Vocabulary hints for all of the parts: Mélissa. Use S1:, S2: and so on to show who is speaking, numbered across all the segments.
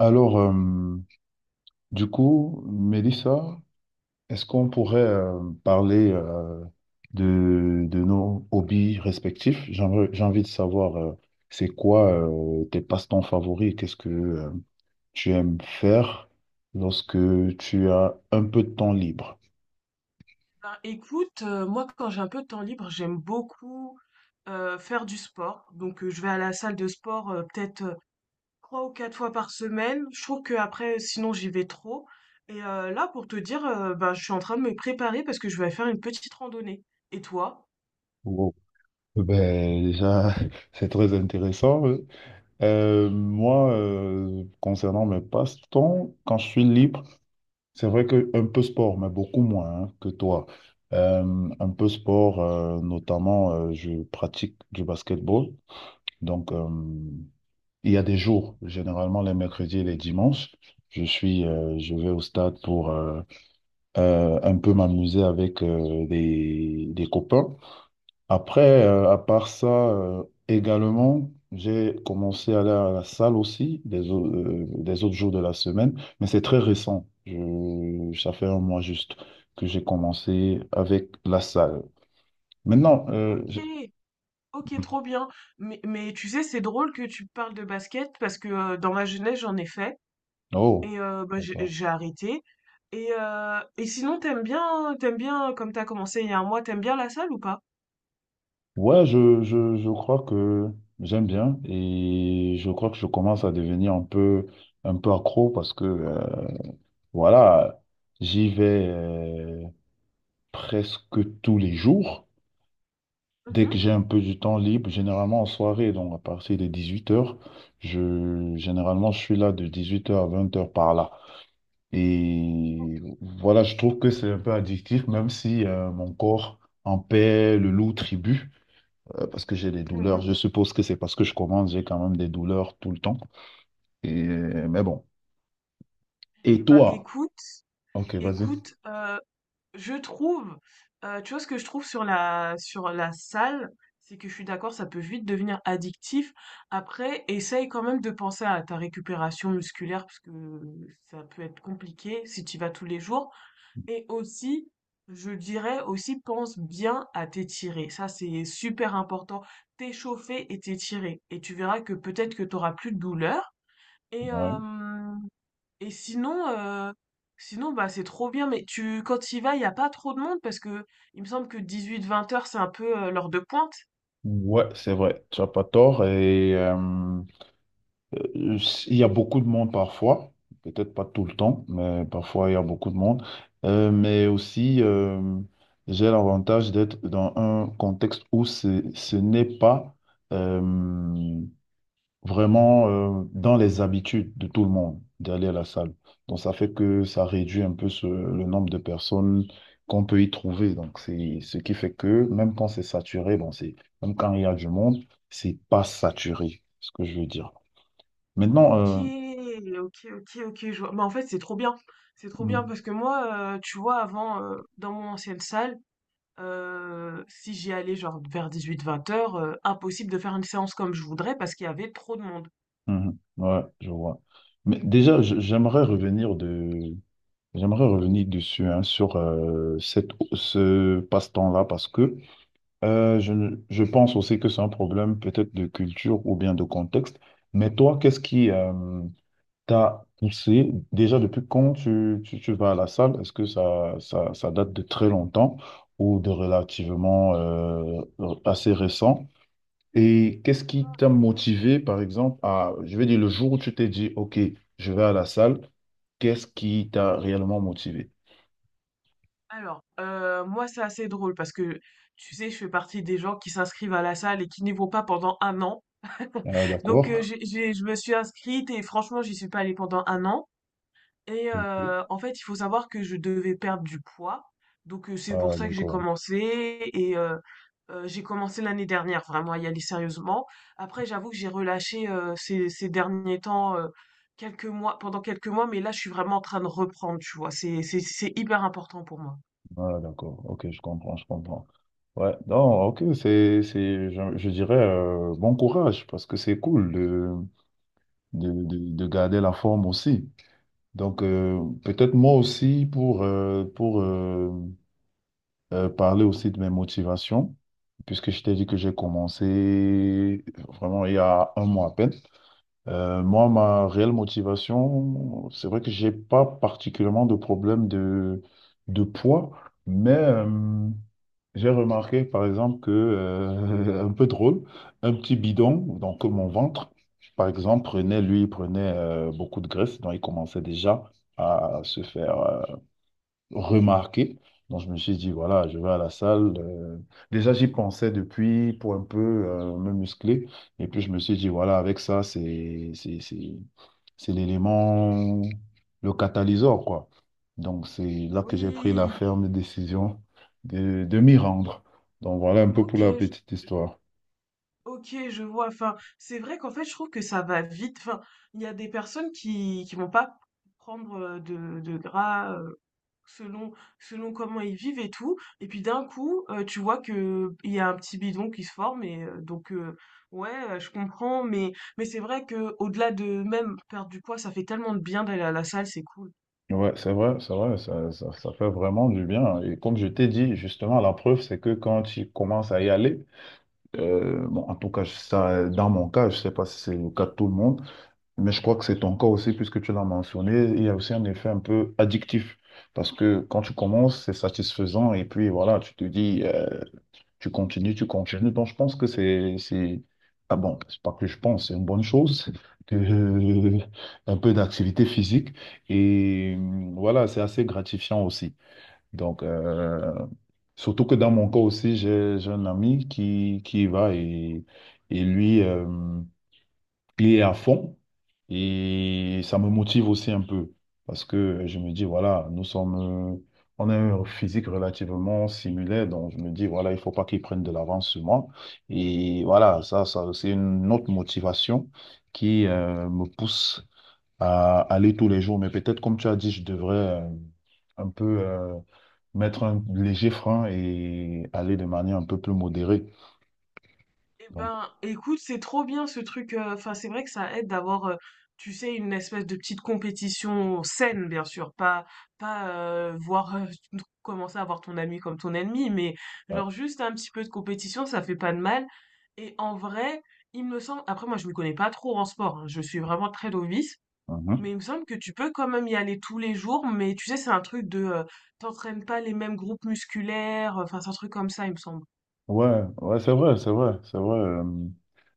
S1: Alors, euh, du coup, Mélissa, est-ce qu'on pourrait parler de nos hobbies respectifs? J'ai envie de savoir, c'est quoi tes passe-temps favoris? Qu'est-ce que tu aimes faire lorsque tu as un peu de temps libre?
S2: Ben, écoute, moi quand j'ai un peu de temps libre, j'aime beaucoup faire du sport. Donc je vais à la salle de sport peut-être trois ou quatre fois par semaine. Je trouve que après, sinon j'y vais trop. Et là, pour te dire, ben, je suis en train de me préparer parce que je vais faire une petite randonnée. Et toi?
S1: Wow. Ben, déjà, c'est très intéressant. Moi, concernant mes passe-temps, quand je suis libre, c'est vrai que un peu sport, mais beaucoup moins hein, que toi. Un peu sport, notamment, je pratique du basketball. Donc, euh, il y a des jours, généralement les mercredis et les dimanches, je vais au stade pour un peu m'amuser avec des copains. Après, à part ça, également, j'ai commencé à aller à la salle aussi des autres jours de la semaine, mais c'est très récent. Ça fait un mois juste que j'ai commencé avec la salle. Maintenant, euh,
S2: Ok,
S1: je-
S2: ok, trop bien. Mais tu sais, c'est drôle que tu parles de basket parce que dans ma jeunesse, j'en ai fait.
S1: oh,
S2: Et bah, j'ai
S1: d'accord.
S2: j'ai arrêté. Et sinon, t'aimes bien comme t'as commencé il y a un mois, t'aimes bien la salle ou pas?
S1: Ouais, je crois que j'aime bien et je crois que je commence à devenir un peu accro parce que, voilà, j'y vais presque tous les jours. Dès que
S2: Mmh.
S1: j'ai un peu du temps libre, généralement en soirée, donc à partir de 18 heures, généralement je suis là de 18 heures à 20 heures par là. Et voilà, je trouve que c'est un peu addictif, même si mon corps en paie le lourd tribut, parce que j'ai des douleurs.
S2: Mh.
S1: Je suppose que c'est parce que je commence, j'ai quand même des douleurs tout le temps. Et, mais bon.
S2: Et
S1: Et
S2: bah,
S1: toi?
S2: écoute
S1: Ok, vas-y.
S2: écoute, je trouve, tu vois ce que je trouve sur la salle, c'est que je suis d'accord, ça peut vite devenir addictif. Après, essaye quand même de penser à ta récupération musculaire parce que ça peut être compliqué si tu y vas tous les jours. Et aussi, je dirais aussi, pense bien à t'étirer. Ça, c'est super important. T'échauffer et t'étirer. Et tu verras que peut-être que t'auras plus de douleur. Et,
S1: Ouais.
S2: euh, et sinon, bah, c'est trop bien. Mais quand tu y vas, il n'y a pas trop de monde parce que il me semble que 18h-20h, c'est un peu l'heure de pointe.
S1: Ouais, c'est vrai, tu n'as pas tort. Euh, Il y a beaucoup de monde parfois, peut-être pas tout le temps, mais parfois il y a beaucoup de monde. Mais aussi, j'ai l'avantage d'être dans un contexte où ce n'est pas euh, vraiment dans les habitudes de tout le monde d'aller à la salle. Donc ça fait que ça réduit un peu le nombre de personnes qu'on peut y trouver. Donc c'est ce qui fait que même quand c'est saturé, même quand il y a du monde, c'est pas saturé, ce que je veux dire. Maintenant,
S2: Ok,
S1: euh,
S2: ok, ok, ok, je vois. Bah, en fait, c'est trop bien. C'est trop bien
S1: Mm.
S2: parce que moi, tu vois, avant, dans mon ancienne salle, si j'y allais genre vers 18h-20h, impossible de faire une séance comme je voudrais parce qu'il y avait trop de monde.
S1: Mhm. Ouais, je vois. Mais déjà, je- j'aimerais revenir de, J'aimerais revenir dessus hein, sur ce passe-temps-là parce que je, ne- je pense aussi que c'est un problème peut-être de culture ou bien de contexte. Mais toi, qu'est-ce qui t'a poussé déjà depuis quand tu vas à la salle? Est-ce que ça date de très longtemps ou de relativement assez récent? Et qu'est-ce qui t'a motivé, par exemple, à, je vais dire, le jour où tu t'es dit, OK, je vais à la salle, qu'est-ce qui t'a réellement motivé?
S2: Alors, moi, c'est assez drôle parce que, tu sais, je fais partie des gens qui s'inscrivent à la salle et qui n'y vont pas pendant un an.
S1: Ah,
S2: Donc,
S1: d'accord.
S2: je me suis inscrite et franchement, j'y suis pas allée pendant un an. Et
S1: Ok.
S2: en fait, il faut savoir que je devais perdre du poids, donc c'est pour
S1: Ah,
S2: ça que j'ai
S1: d'accord.
S2: commencé et j'ai commencé l'année dernière vraiment à y aller sérieusement. Après, j'avoue que j'ai relâché, ces derniers temps, quelques mois, mais là, je suis vraiment en train de reprendre, tu vois? C'est hyper important pour moi.
S1: Ah, d'accord. OK, je comprends, je comprends. Ouais, non, OK, je dirais, bon courage, parce que c'est cool de garder la forme aussi. Donc, peut-être moi aussi, pour parler aussi de mes motivations, puisque je t'ai dit que j'ai commencé vraiment il y a un mois à peine. Moi, ma réelle motivation, c'est vrai que j'ai pas particulièrement de problème de poids, mais j'ai remarqué, par exemple, un peu drôle, un petit bidon, donc mon ventre, par exemple, prenait, lui, il prenait beaucoup de graisse, donc il commençait déjà à se faire. Remarqué. Donc, je me suis dit, voilà, je vais à la salle. Déjà, j'y pensais depuis pour un peu me muscler. Et puis, je me suis dit, voilà, avec ça, c'est l'élément, le catalyseur, quoi. Donc, c'est là que j'ai pris la
S2: Oui,
S1: ferme décision de m'y rendre. Donc, voilà un peu pour la
S2: OK, je
S1: petite histoire.
S2: OK, je vois. Enfin, c'est vrai qu'en fait, je trouve que ça va vite. Enfin, il y a des personnes qui vont pas prendre, de gras, Selon selon comment ils vivent et tout et puis d'un coup, tu vois que il y a un petit bidon qui se forme. Et ouais, je comprends, mais c'est vrai que au delà de même perdre du poids, ça fait tellement de bien d'aller à la salle, c'est cool.
S1: Ouais, c'est vrai, ça fait vraiment du bien. Et comme je t'ai dit, justement, la preuve, c'est que quand tu commences à y aller, bon, en tout cas, ça, dans mon cas, je ne sais pas si c'est le cas de tout le monde, mais je crois que c'est ton cas aussi, puisque tu l'as mentionné, il y a aussi un effet un peu addictif, parce que quand tu commences, c'est satisfaisant, et puis voilà, tu te dis, tu continues, tu continues. Donc, je pense que ah bon, c'est pas que je pense, c'est une bonne chose, de- un peu d'activité physique, et voilà, c'est assez gratifiant aussi. Donc, euh, Surtout que dans mon cas aussi, j'ai un ami qui y va et lui, il est à fond. Et ça me motive aussi un peu. Parce que je me dis, voilà, nous sommes, euh, on a un physique relativement similaire. Donc, je me dis, voilà, il faut pas qu'il prenne de l'avance sur moi. Et voilà, c'est une autre motivation qui, me pousse à aller tous les jours. Mais peut-être, comme tu as dit, je devrais, un peu. Mettre un léger frein et aller de manière un peu plus modérée.
S2: Eh
S1: Donc,
S2: ben, écoute, c'est trop bien ce truc. Enfin, c'est vrai que ça aide d'avoir, tu sais, une espèce de petite compétition saine, bien sûr. Pas voir commencer à voir ton ami comme ton ennemi, mais
S1: ouais,
S2: genre juste un petit peu de compétition, ça fait pas de mal. Et en vrai, il me semble. Après, moi, je me connais pas trop en sport, hein. Je suis vraiment très novice.
S1: mhm.
S2: Mais il me semble que tu peux quand même y aller tous les jours. Mais tu sais, c'est un truc de, t'entraînes pas les mêmes groupes musculaires. Enfin, c'est un truc comme ça, il me semble.
S1: Ouais, c'est vrai, c'est vrai, c'est vrai.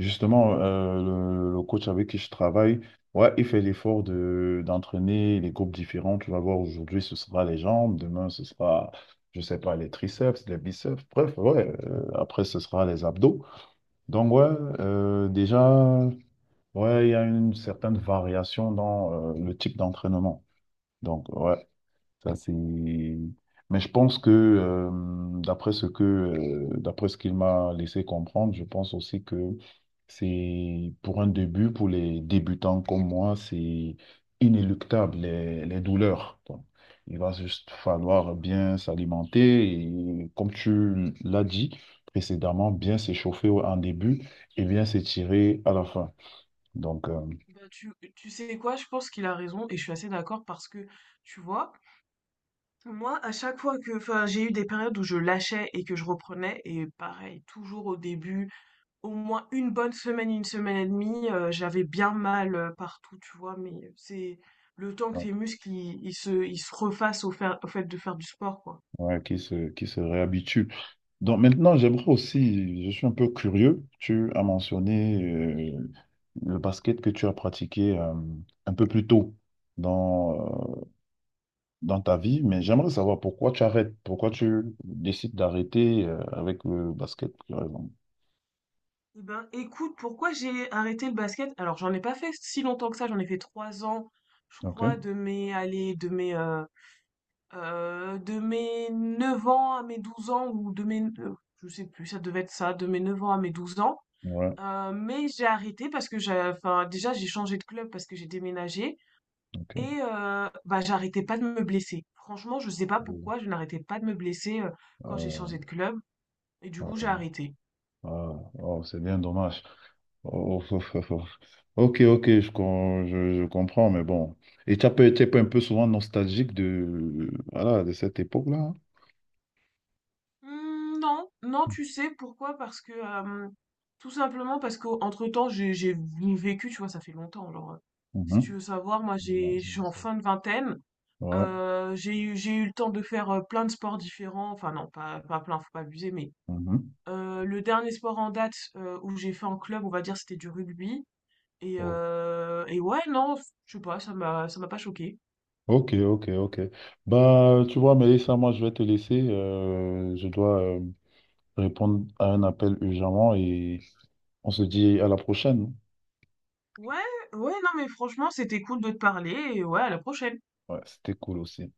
S1: Justement, le coach avec qui je travaille, ouais, il fait l'effort de d'entraîner les groupes différents. Tu vas voir, aujourd'hui, ce sera les jambes, demain, ce sera, je sais pas, les triceps, les biceps, bref, ouais, après, ce sera les abdos. Donc, ouais, déjà, ouais, il y a une certaine variation dans le type d'entraînement. Donc, ouais. Ça, c'est... Mais je pense que, d'après ce qu'il m'a laissé comprendre, je pense aussi que c'est pour un début, pour les débutants comme moi, c'est inéluctable, les douleurs. Quoi. Il va juste falloir bien s'alimenter et, comme tu l'as dit précédemment, bien s'échauffer en début et bien s'étirer à la fin. Donc, euh,
S2: Bah, tu sais quoi, je pense qu'il a raison et je suis assez d'accord parce que, tu vois, moi, à chaque fois que, enfin, j'ai eu des périodes où je lâchais et que je reprenais, et pareil, toujours au début, au moins une bonne semaine, une semaine et demie, j'avais bien mal partout, tu vois, mais c'est le temps que tes muscles, ils se refassent au fait de faire du sport, quoi.
S1: ouais, qui se réhabituent. Donc maintenant, j'aimerais aussi, je suis un peu curieux, tu as mentionné le basket que tu as pratiqué un peu plus tôt dans, euh, dans ta vie, mais j'aimerais savoir pourquoi tu arrêtes, pourquoi tu décides d'arrêter avec le basket, par exemple.
S2: Eh ben, écoute, pourquoi j'ai arrêté le basket? Alors, j'en ai pas fait si longtemps que ça, j'en ai fait 3 ans, je
S1: Ok,
S2: crois, de mes, allez, de mes 9 ans à mes 12 ans, ou de mes je sais plus, ça devait être ça, de mes 9 ans à mes 12 ans.
S1: ouais,
S2: Mais j'ai arrêté parce que déjà j'ai changé de club parce que j'ai déménagé. Et
S1: ok.
S2: bah, j'arrêtais pas de me blesser. Franchement, je sais pas
S1: Euh,
S2: pourquoi, je n'arrêtais pas de me blesser, quand j'ai
S1: euh,
S2: changé de club et du
S1: euh,
S2: coup j'ai arrêté.
S1: euh, oh, c'est bien dommage. Oh, oh, oh, oh. Ok, ok, je comprends, mais bon. Et tu as pas été un peu souvent nostalgique de, voilà, de cette époque-là. Hein
S2: Mmh, non, non, tu sais pourquoi? Parce que, tout simplement parce qu'entre-temps j'ai vécu, tu vois? Ça fait longtemps, genre, si
S1: Mhm.
S2: tu veux savoir, moi
S1: Non,
S2: j'ai
S1: c'est
S2: je suis en
S1: ça.
S2: fin de vingtaine.
S1: Ouais.
S2: J'ai eu le temps de faire, plein de sports différents, enfin non, pas plein, faut pas abuser, mais
S1: Mhm.
S2: le dernier sport en date, où j'ai fait en club, on va dire, c'était du rugby. et
S1: Oh.
S2: heu et ouais, non, je sais pas, ça m'a pas choqué.
S1: Ok, ok, ok. Bah, tu vois, Mélissa, moi, je vais te laisser. Je dois répondre à un appel urgemment et on se dit à la prochaine.
S2: Ouais, ouais, non, mais franchement, c'était cool de te parler et ouais, à la prochaine.
S1: Ouais, c'était cool aussi.